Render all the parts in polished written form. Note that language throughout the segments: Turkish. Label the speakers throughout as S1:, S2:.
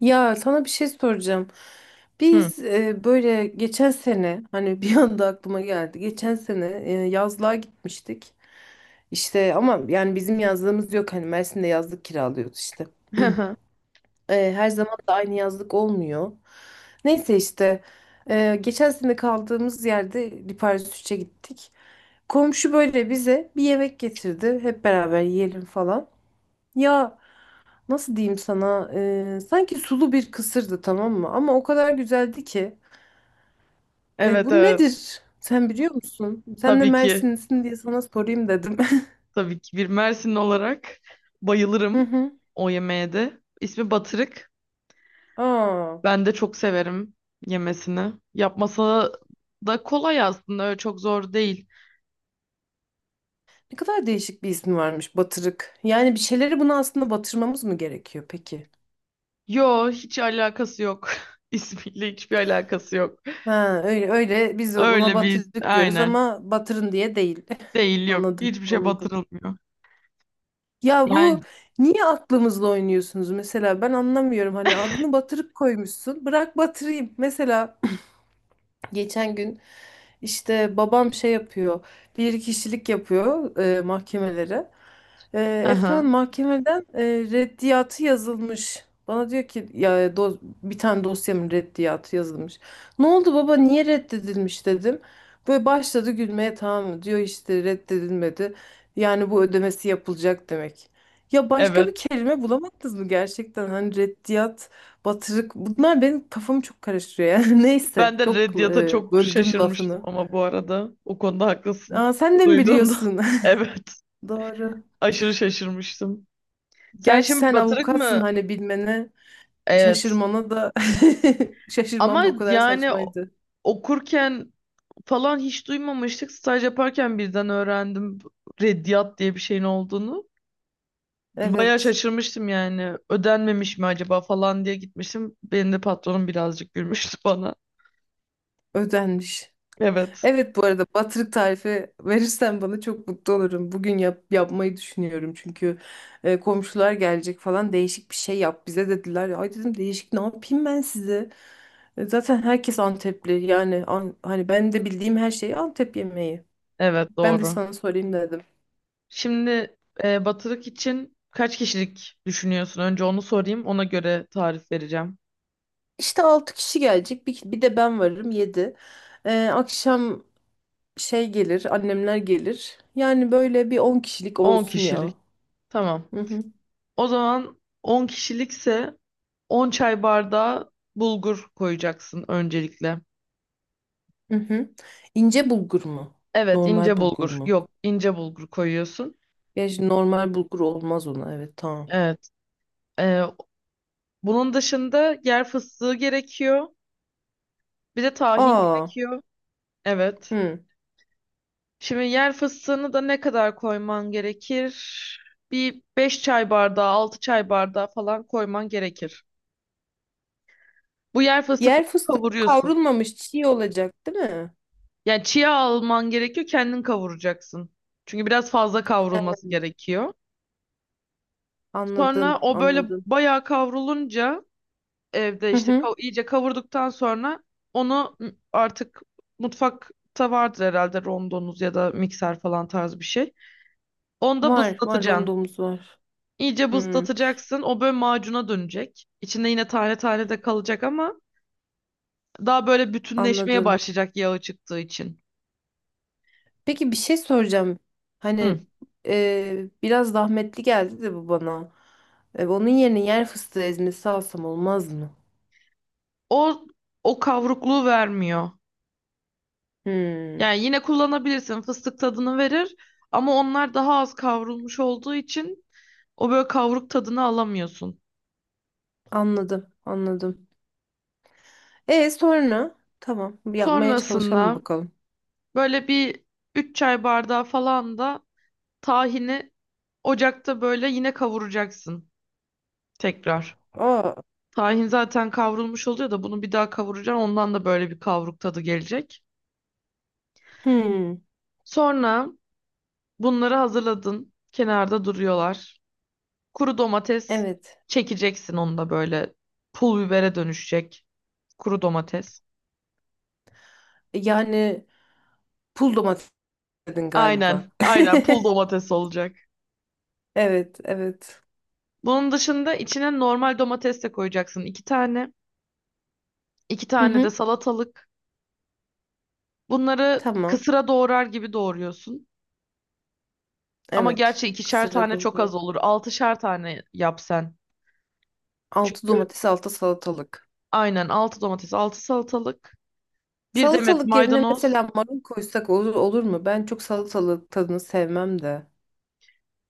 S1: Ya sana bir şey soracağım.
S2: Hı.
S1: Biz böyle geçen sene hani bir anda aklıma geldi. Geçen sene yazlığa gitmiştik. İşte ama yani bizim yazlığımız yok. Hani Mersin'de yazlık kiralıyoruz işte. Her zaman da aynı yazlık olmuyor. Neyse işte geçen sene kaldığımız yerde Liparis 3'e gittik. Komşu böyle bize bir yemek getirdi. Hep beraber yiyelim falan. Ya, nasıl diyeyim sana? Sanki sulu bir kısırdı, tamam mı? Ama o kadar güzeldi ki.
S2: Evet
S1: Bu
S2: evet.
S1: nedir? Sen biliyor musun? Sen de
S2: Tabii ki.
S1: Mersinlisin diye sana sorayım dedim.
S2: Tabii ki. Bir Mersinli olarak
S1: Hı
S2: bayılırım
S1: hı.
S2: o yemeğe de. İsmi batırık.
S1: Aa,
S2: Ben de çok severim yemesini. Yapması da kolay aslında. Öyle çok zor değil.
S1: ne kadar değişik bir ismi varmış batırık. Yani bir şeyleri buna aslında batırmamız mı gerekiyor peki?
S2: Yo hiç alakası yok. İsmiyle hiçbir alakası yok.
S1: Ha, öyle öyle biz ona
S2: Öyle bir
S1: batırık diyoruz
S2: aynen.
S1: ama batırın diye değil.
S2: Değil yok.
S1: Anladım,
S2: Hiçbir şey
S1: anladım.
S2: batırılmıyor.
S1: Ya
S2: Yani
S1: bu niye aklımızla oynuyorsunuz, mesela ben anlamıyorum. Hani adını batırık koymuşsun, bırak batırayım. Mesela geçen gün işte babam şey yapıyor, bir kişilik yapıyor mahkemelere. E,
S2: aha,
S1: Efendim mahkemeden reddiyatı yazılmış. Bana diyor ki, ya bir tane dosyamın reddiyatı yazılmış. Ne oldu baba, niye reddedilmiş dedim. Böyle başladı gülmeye, tamam mı? Diyor işte reddedilmedi. Yani bu ödemesi yapılacak demek. Ya başka bir
S2: evet.
S1: kelime bulamadınız mı gerçekten? Hani reddiyat. Batırık. Bunlar benim kafamı çok karıştırıyor yani. Neyse.
S2: Ben de
S1: Çok
S2: Reddit'a çok
S1: böldüm
S2: şaşırmıştım
S1: lafını.
S2: ama bu arada. O konuda haklısın.
S1: Aa, sen de mi
S2: Duyduğumda.
S1: biliyorsun?
S2: Evet.
S1: Doğru.
S2: Aşırı şaşırmıştım. Sen
S1: Gerçi
S2: şimdi
S1: sen
S2: batırık
S1: avukatsın,
S2: mı?
S1: hani bilmene
S2: Evet.
S1: şaşırmana da şaşırmam,
S2: Ama
S1: da o kadar
S2: yani
S1: saçmaydı.
S2: okurken falan hiç duymamıştık. Staj yaparken birden öğrendim Reddiyat diye bir şeyin olduğunu. Bayağı
S1: Evet.
S2: şaşırmıştım yani. Ödenmemiş mi acaba falan diye gitmiştim. Benim de patronum birazcık gülmüştü bana.
S1: Ödenmiş.
S2: Evet.
S1: Evet, bu arada batırık tarifi verirsen bana çok mutlu olurum. Bugün yapmayı düşünüyorum, çünkü komşular gelecek falan, değişik bir şey yap bize dediler. Ay dedim, değişik ne yapayım ben size? Zaten herkes Antepli. Yani hani ben de bildiğim her şey Antep yemeği.
S2: Evet
S1: Ben de
S2: doğru.
S1: sana sorayım dedim.
S2: Şimdi batırık için kaç kişilik düşünüyorsun? Önce onu sorayım. Ona göre tarif vereceğim.
S1: İşte 6 kişi gelecek. Bir de ben varım, 7. Akşam şey gelir, annemler gelir. Yani böyle bir 10 kişilik
S2: 10
S1: olsun ya.
S2: kişilik. Tamam.
S1: Hı hı,
S2: O zaman 10 kişilikse 10 çay bardağı bulgur koyacaksın öncelikle.
S1: hı hı. İnce bulgur mu?
S2: Evet,
S1: Normal
S2: ince
S1: bulgur
S2: bulgur.
S1: mu?
S2: Yok, ince bulgur koyuyorsun.
S1: Ya şimdi normal bulgur olmaz ona. Evet, tamam.
S2: Evet. e, Bunun dışında yer fıstığı gerekiyor. Bir de tahin
S1: Aa,
S2: gerekiyor. Evet.
S1: hı.
S2: Şimdi yer fıstığını da ne kadar koyman gerekir? Bir 5 çay bardağı, 6 çay bardağı falan koyman gerekir. Bu yer
S1: Yer
S2: fıstıklarını
S1: fıstığı
S2: kavuruyorsun.
S1: kavrulmamış, çiğ olacak değil mi?
S2: Yani çiğ alman gerekiyor, kendin kavuracaksın. Çünkü biraz fazla kavrulması
S1: Hı.
S2: gerekiyor. Sonra
S1: Anladım,
S2: o böyle
S1: anladım.
S2: bayağı kavrulunca evde
S1: Hı
S2: işte
S1: hı.
S2: iyice kavurduktan sonra onu artık mutfakta vardır herhalde rondonuz ya da mikser falan tarz bir şey. Onu da
S1: Var, var,
S2: bızlatacaksın.
S1: rondomuz var.
S2: İyice
S1: Hmm,
S2: buzlatacaksın. O böyle macuna dönecek. İçinde yine tane tane de kalacak ama daha böyle bütünleşmeye
S1: anladım.
S2: başlayacak yağı çıktığı için.
S1: Peki bir şey soracağım.
S2: Hı.
S1: Hani biraz zahmetli geldi de bu bana. Onun yerine yer fıstığı ezmesi alsam olmaz mı?
S2: O o kavrukluğu vermiyor.
S1: Hmm,
S2: Yani yine kullanabilirsin. Fıstık tadını verir ama onlar daha az kavrulmuş olduğu için o böyle kavruk tadını alamıyorsun.
S1: anladım, anladım. Sonra tamam, bir yapmaya çalışalım
S2: Sonrasında
S1: bakalım.
S2: böyle bir 3 çay bardağı falan da tahini ocakta böyle yine kavuracaksın tekrar.
S1: Aa,
S2: Tahin zaten kavrulmuş oluyor da bunu bir daha kavuracaksın. Ondan da böyle bir kavruk tadı gelecek.
S1: hmm,
S2: Sonra bunları hazırladın. Kenarda duruyorlar. Kuru domates
S1: evet.
S2: çekeceksin onu da böyle pul bibere dönüşecek. Kuru domates.
S1: Yani pul domates dedin galiba.
S2: Aynen, aynen pul domates olacak.
S1: Evet, evet.
S2: Bunun dışında içine normal domates de koyacaksın. İki tane. İki
S1: Hı
S2: tane de
S1: hı,
S2: salatalık. Bunları
S1: tamam.
S2: kısıra doğrar gibi doğruyorsun. Ama
S1: Evet.
S2: gerçi ikişer
S1: Kısırda
S2: tane çok az
S1: domates.
S2: olur. Altışar tane yap sen.
S1: Altı
S2: Çünkü
S1: domates, altı salatalık.
S2: aynen 6 domates, 6 salatalık, bir demet
S1: Salatalık yerine
S2: maydanoz
S1: mesela marul koysak olur, olur mu? Ben çok salatalık tadını sevmem de.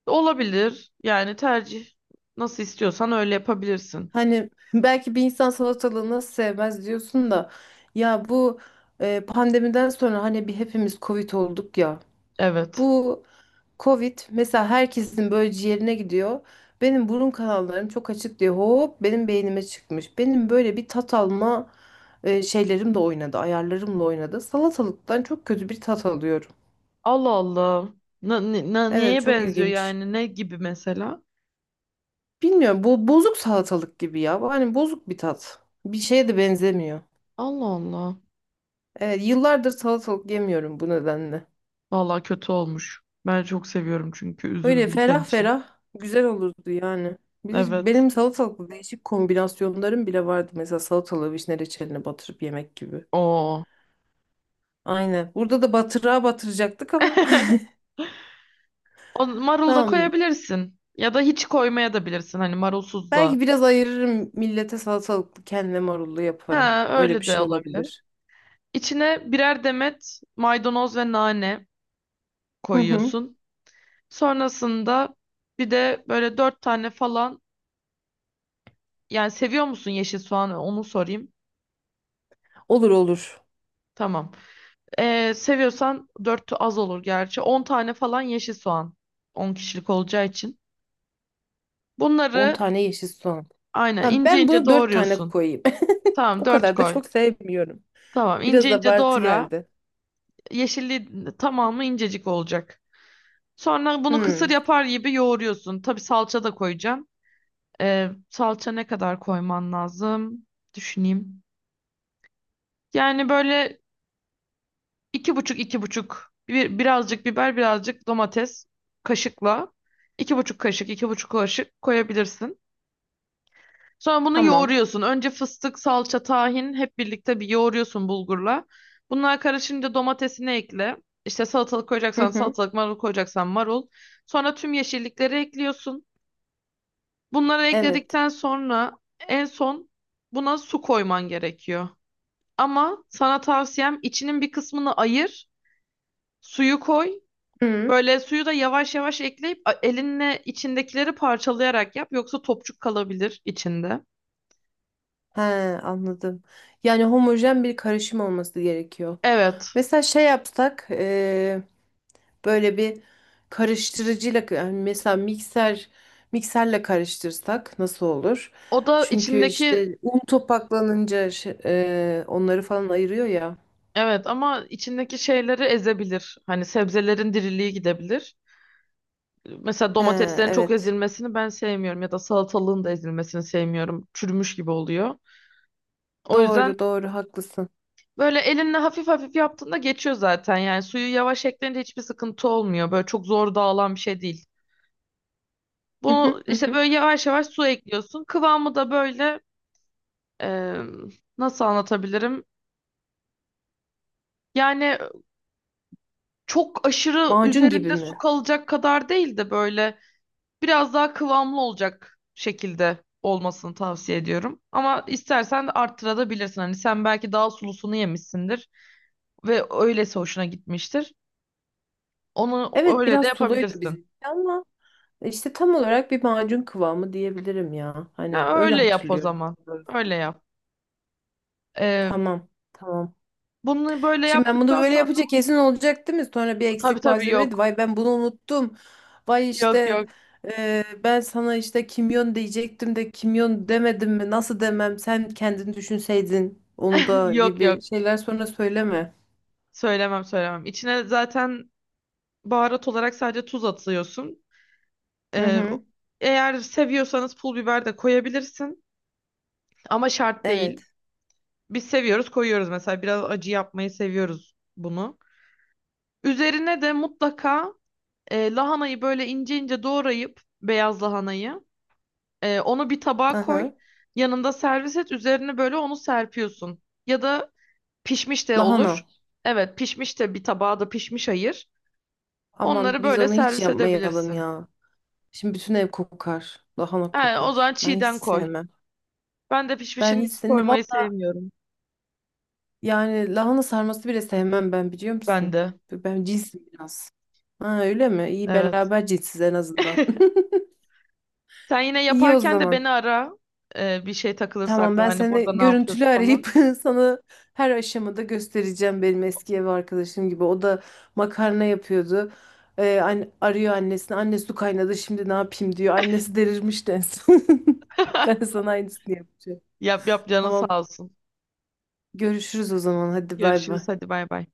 S2: olabilir. Yani tercih nasıl istiyorsan öyle yapabilirsin.
S1: Hani belki bir insan salatalığı nasıl sevmez diyorsun da, ya bu pandemiden sonra hani bir hepimiz Covid olduk ya.
S2: Evet.
S1: Bu Covid mesela herkesin böyle ciğerine gidiyor. Benim burun kanallarım çok açık diye hop benim beynime çıkmış. Benim böyle bir tat alma şeylerim de oynadı, ayarlarımla oynadı. Salatalıktan çok kötü bir tat alıyorum.
S2: Allah Allah.
S1: Evet,
S2: Neye
S1: çok
S2: benziyor
S1: ilginç.
S2: yani? Ne gibi mesela?
S1: Bilmiyorum, bu bozuk salatalık gibi ya. Bu, hani bozuk bir tat. Bir şeye de benzemiyor.
S2: Allah Allah.
S1: Evet, yıllardır salatalık yemiyorum bu nedenle.
S2: Vallahi kötü olmuş. Ben çok seviyorum çünkü
S1: Öyle
S2: üzüldüm senin
S1: ferah
S2: için.
S1: ferah güzel olurdu yani. Bir de
S2: Evet.
S1: benim salatalıklı değişik kombinasyonlarım bile vardı. Mesela salatalığı vişne reçeline batırıp yemek gibi.
S2: Oo.
S1: Aynen. Burada da batırığa batıracaktık ama.
S2: O marul da
S1: Tamam.
S2: koyabilirsin. Ya da hiç koymaya da bilirsin. Hani marulsuz da.
S1: Belki biraz ayırırım, millete salatalıklı, kendime marullu yaparım.
S2: Ha,
S1: Öyle bir
S2: öyle de
S1: şey
S2: olabilir.
S1: olabilir.
S2: İçine birer demet maydanoz ve nane
S1: Hı hı.
S2: koyuyorsun. Sonrasında bir de böyle dört tane falan yani seviyor musun yeşil soğanı onu sorayım.
S1: Olur, olur.
S2: Tamam. Seviyorsan dört az olur gerçi. 10 tane falan yeşil soğan. 10 kişilik olacağı için.
S1: On
S2: Bunları
S1: tane yeşil soğan.
S2: aynen
S1: Tamam,
S2: ince
S1: ben
S2: ince
S1: bunu 4 tane
S2: doğruyorsun.
S1: koyayım.
S2: Tamam
S1: O
S2: dört
S1: kadar da
S2: koy.
S1: çok sevmiyorum.
S2: Tamam ince
S1: Biraz
S2: ince
S1: abartı
S2: doğra.
S1: geldi.
S2: Yeşilliği tamamı incecik olacak. Sonra bunu
S1: Hmm,
S2: kısır yapar gibi yoğuruyorsun. Tabii salça da koyacaksın. Salça ne kadar koyman lazım? Düşüneyim. Yani böyle iki buçuk bir, birazcık biber birazcık domates kaşıkla 2,5 kaşık 2,5 kaşık koyabilirsin. Sonra bunu
S1: tamam.
S2: yoğuruyorsun. Önce fıstık, salça, tahin hep birlikte bir yoğuruyorsun bulgurla. Bunlar karışınca domatesini ekle. İşte salatalık
S1: Hı
S2: koyacaksan
S1: hı.
S2: salatalık, marul koyacaksan marul. Sonra tüm yeşillikleri ekliyorsun. Bunları
S1: Evet.
S2: ekledikten sonra en son buna su koyman gerekiyor. Ama sana tavsiyem içinin bir kısmını ayır. Suyu koy,
S1: Hı.
S2: böyle suyu da yavaş yavaş ekleyip elinle içindekileri parçalayarak yap yoksa topçuk kalabilir içinde.
S1: He, anladım. Yani homojen bir karışım olması gerekiyor.
S2: Evet.
S1: Mesela şey yapsak, böyle bir karıştırıcıyla, yani mesela mikserle karıştırsak nasıl olur?
S2: O da
S1: Çünkü
S2: içindeki
S1: işte un topaklanınca onları falan ayırıyor ya.
S2: Evet ama içindeki şeyleri ezebilir. Hani sebzelerin diriliği gidebilir. Mesela
S1: He,
S2: domateslerin çok
S1: evet.
S2: ezilmesini ben sevmiyorum ya da salatalığın da ezilmesini sevmiyorum. Çürümüş gibi oluyor. O yüzden
S1: Doğru doğru haklısın.
S2: böyle elinle hafif hafif yaptığında geçiyor zaten. Yani suyu yavaş ekleyince hiçbir sıkıntı olmuyor. Böyle çok zor dağılan bir şey değil.
S1: Hı
S2: Bunu
S1: hı, hı
S2: işte
S1: hı.
S2: böyle yavaş yavaş su ekliyorsun. Kıvamı da böyle Eee, Nasıl anlatabilirim? Yani çok aşırı
S1: Macun gibi
S2: üzerinde su
S1: mi?
S2: kalacak kadar değil de böyle biraz daha kıvamlı olacak şekilde olmasını tavsiye ediyorum. Ama istersen de arttırabilirsin. Hani sen belki daha sulusunu yemişsindir ve öylesi hoşuna gitmiştir. Onu
S1: Evet,
S2: öyle de
S1: biraz suluydu
S2: yapabilirsin.
S1: bizimki ama işte tam olarak bir macun kıvamı diyebilirim ya. Hani
S2: Ya
S1: öyle
S2: öyle yap o
S1: hatırlıyorum,
S2: zaman.
S1: daha
S2: Öyle
S1: doğrusu.
S2: yap. Eee,
S1: Tamam. Tamam.
S2: Bunu böyle
S1: Şimdi ben bunu
S2: yaptıktan
S1: böyle
S2: sonra
S1: yapınca kesin olacak değil mi? Sonra bir
S2: tabii
S1: eksik
S2: tabii
S1: malzeme.
S2: yok.
S1: Vay, ben bunu unuttum. Vay
S2: Yok yok.
S1: işte ben sana işte kimyon diyecektim de kimyon demedim mi? Nasıl demem? Sen kendin düşünseydin onu da
S2: Yok yok.
S1: gibi şeyler sonra söyleme.
S2: Söylemem söylemem. İçine zaten baharat olarak sadece tuz atıyorsun.
S1: Hı
S2: Ee,
S1: hı.
S2: Eğer seviyorsanız pul biber de koyabilirsin. Ama şart değil.
S1: Evet.
S2: Biz seviyoruz koyuyoruz mesela. Biraz acı yapmayı seviyoruz bunu. Üzerine de mutlaka lahanayı böyle ince ince doğrayıp beyaz lahanayı onu bir tabağa
S1: Aha.
S2: koy. Yanında servis et. Üzerine böyle onu serpiyorsun. Ya da pişmiş de olur.
S1: Lahana.
S2: Evet pişmiş de bir tabağa da pişmiş ayır.
S1: Aman
S2: Onları
S1: biz
S2: böyle
S1: onu hiç
S2: servis
S1: yapmayalım
S2: edebilirsin.
S1: ya. Şimdi bütün ev kokar, lahana
S2: He, o
S1: kokar.
S2: zaman
S1: Ben hiç
S2: çiğden koy.
S1: sevmem.
S2: Ben de
S1: Ben
S2: pişmişini
S1: hiç
S2: hiç
S1: seni
S2: koymayı sevmiyorum.
S1: yani lahana sarması bile sevmem ben, biliyor
S2: Ben
S1: musun?
S2: de.
S1: Ben cinsim biraz. Ha, öyle mi? İyi,
S2: Evet.
S1: beraber cinsiz en azından.
S2: Sen yine
S1: İyi o
S2: yaparken de
S1: zaman.
S2: beni ara. Bir şey takılırsa
S1: Tamam,
S2: aklına
S1: ben
S2: hani burada
S1: seni
S2: ne yapıyorduk
S1: görüntülü
S2: falan.
S1: arayıp sana her aşamada göstereceğim, benim eski ev arkadaşım gibi. O da makarna yapıyordu. Arıyor annesini. Anne, su kaynadı, şimdi ne yapayım diyor. Annesi delirmiş en son. Ben sana aynısını yapacağım.
S2: Yap yap canı
S1: Tamam,
S2: sağ olsun.
S1: görüşürüz o zaman, hadi bay
S2: Görüşürüz
S1: bay.
S2: hadi bay bay.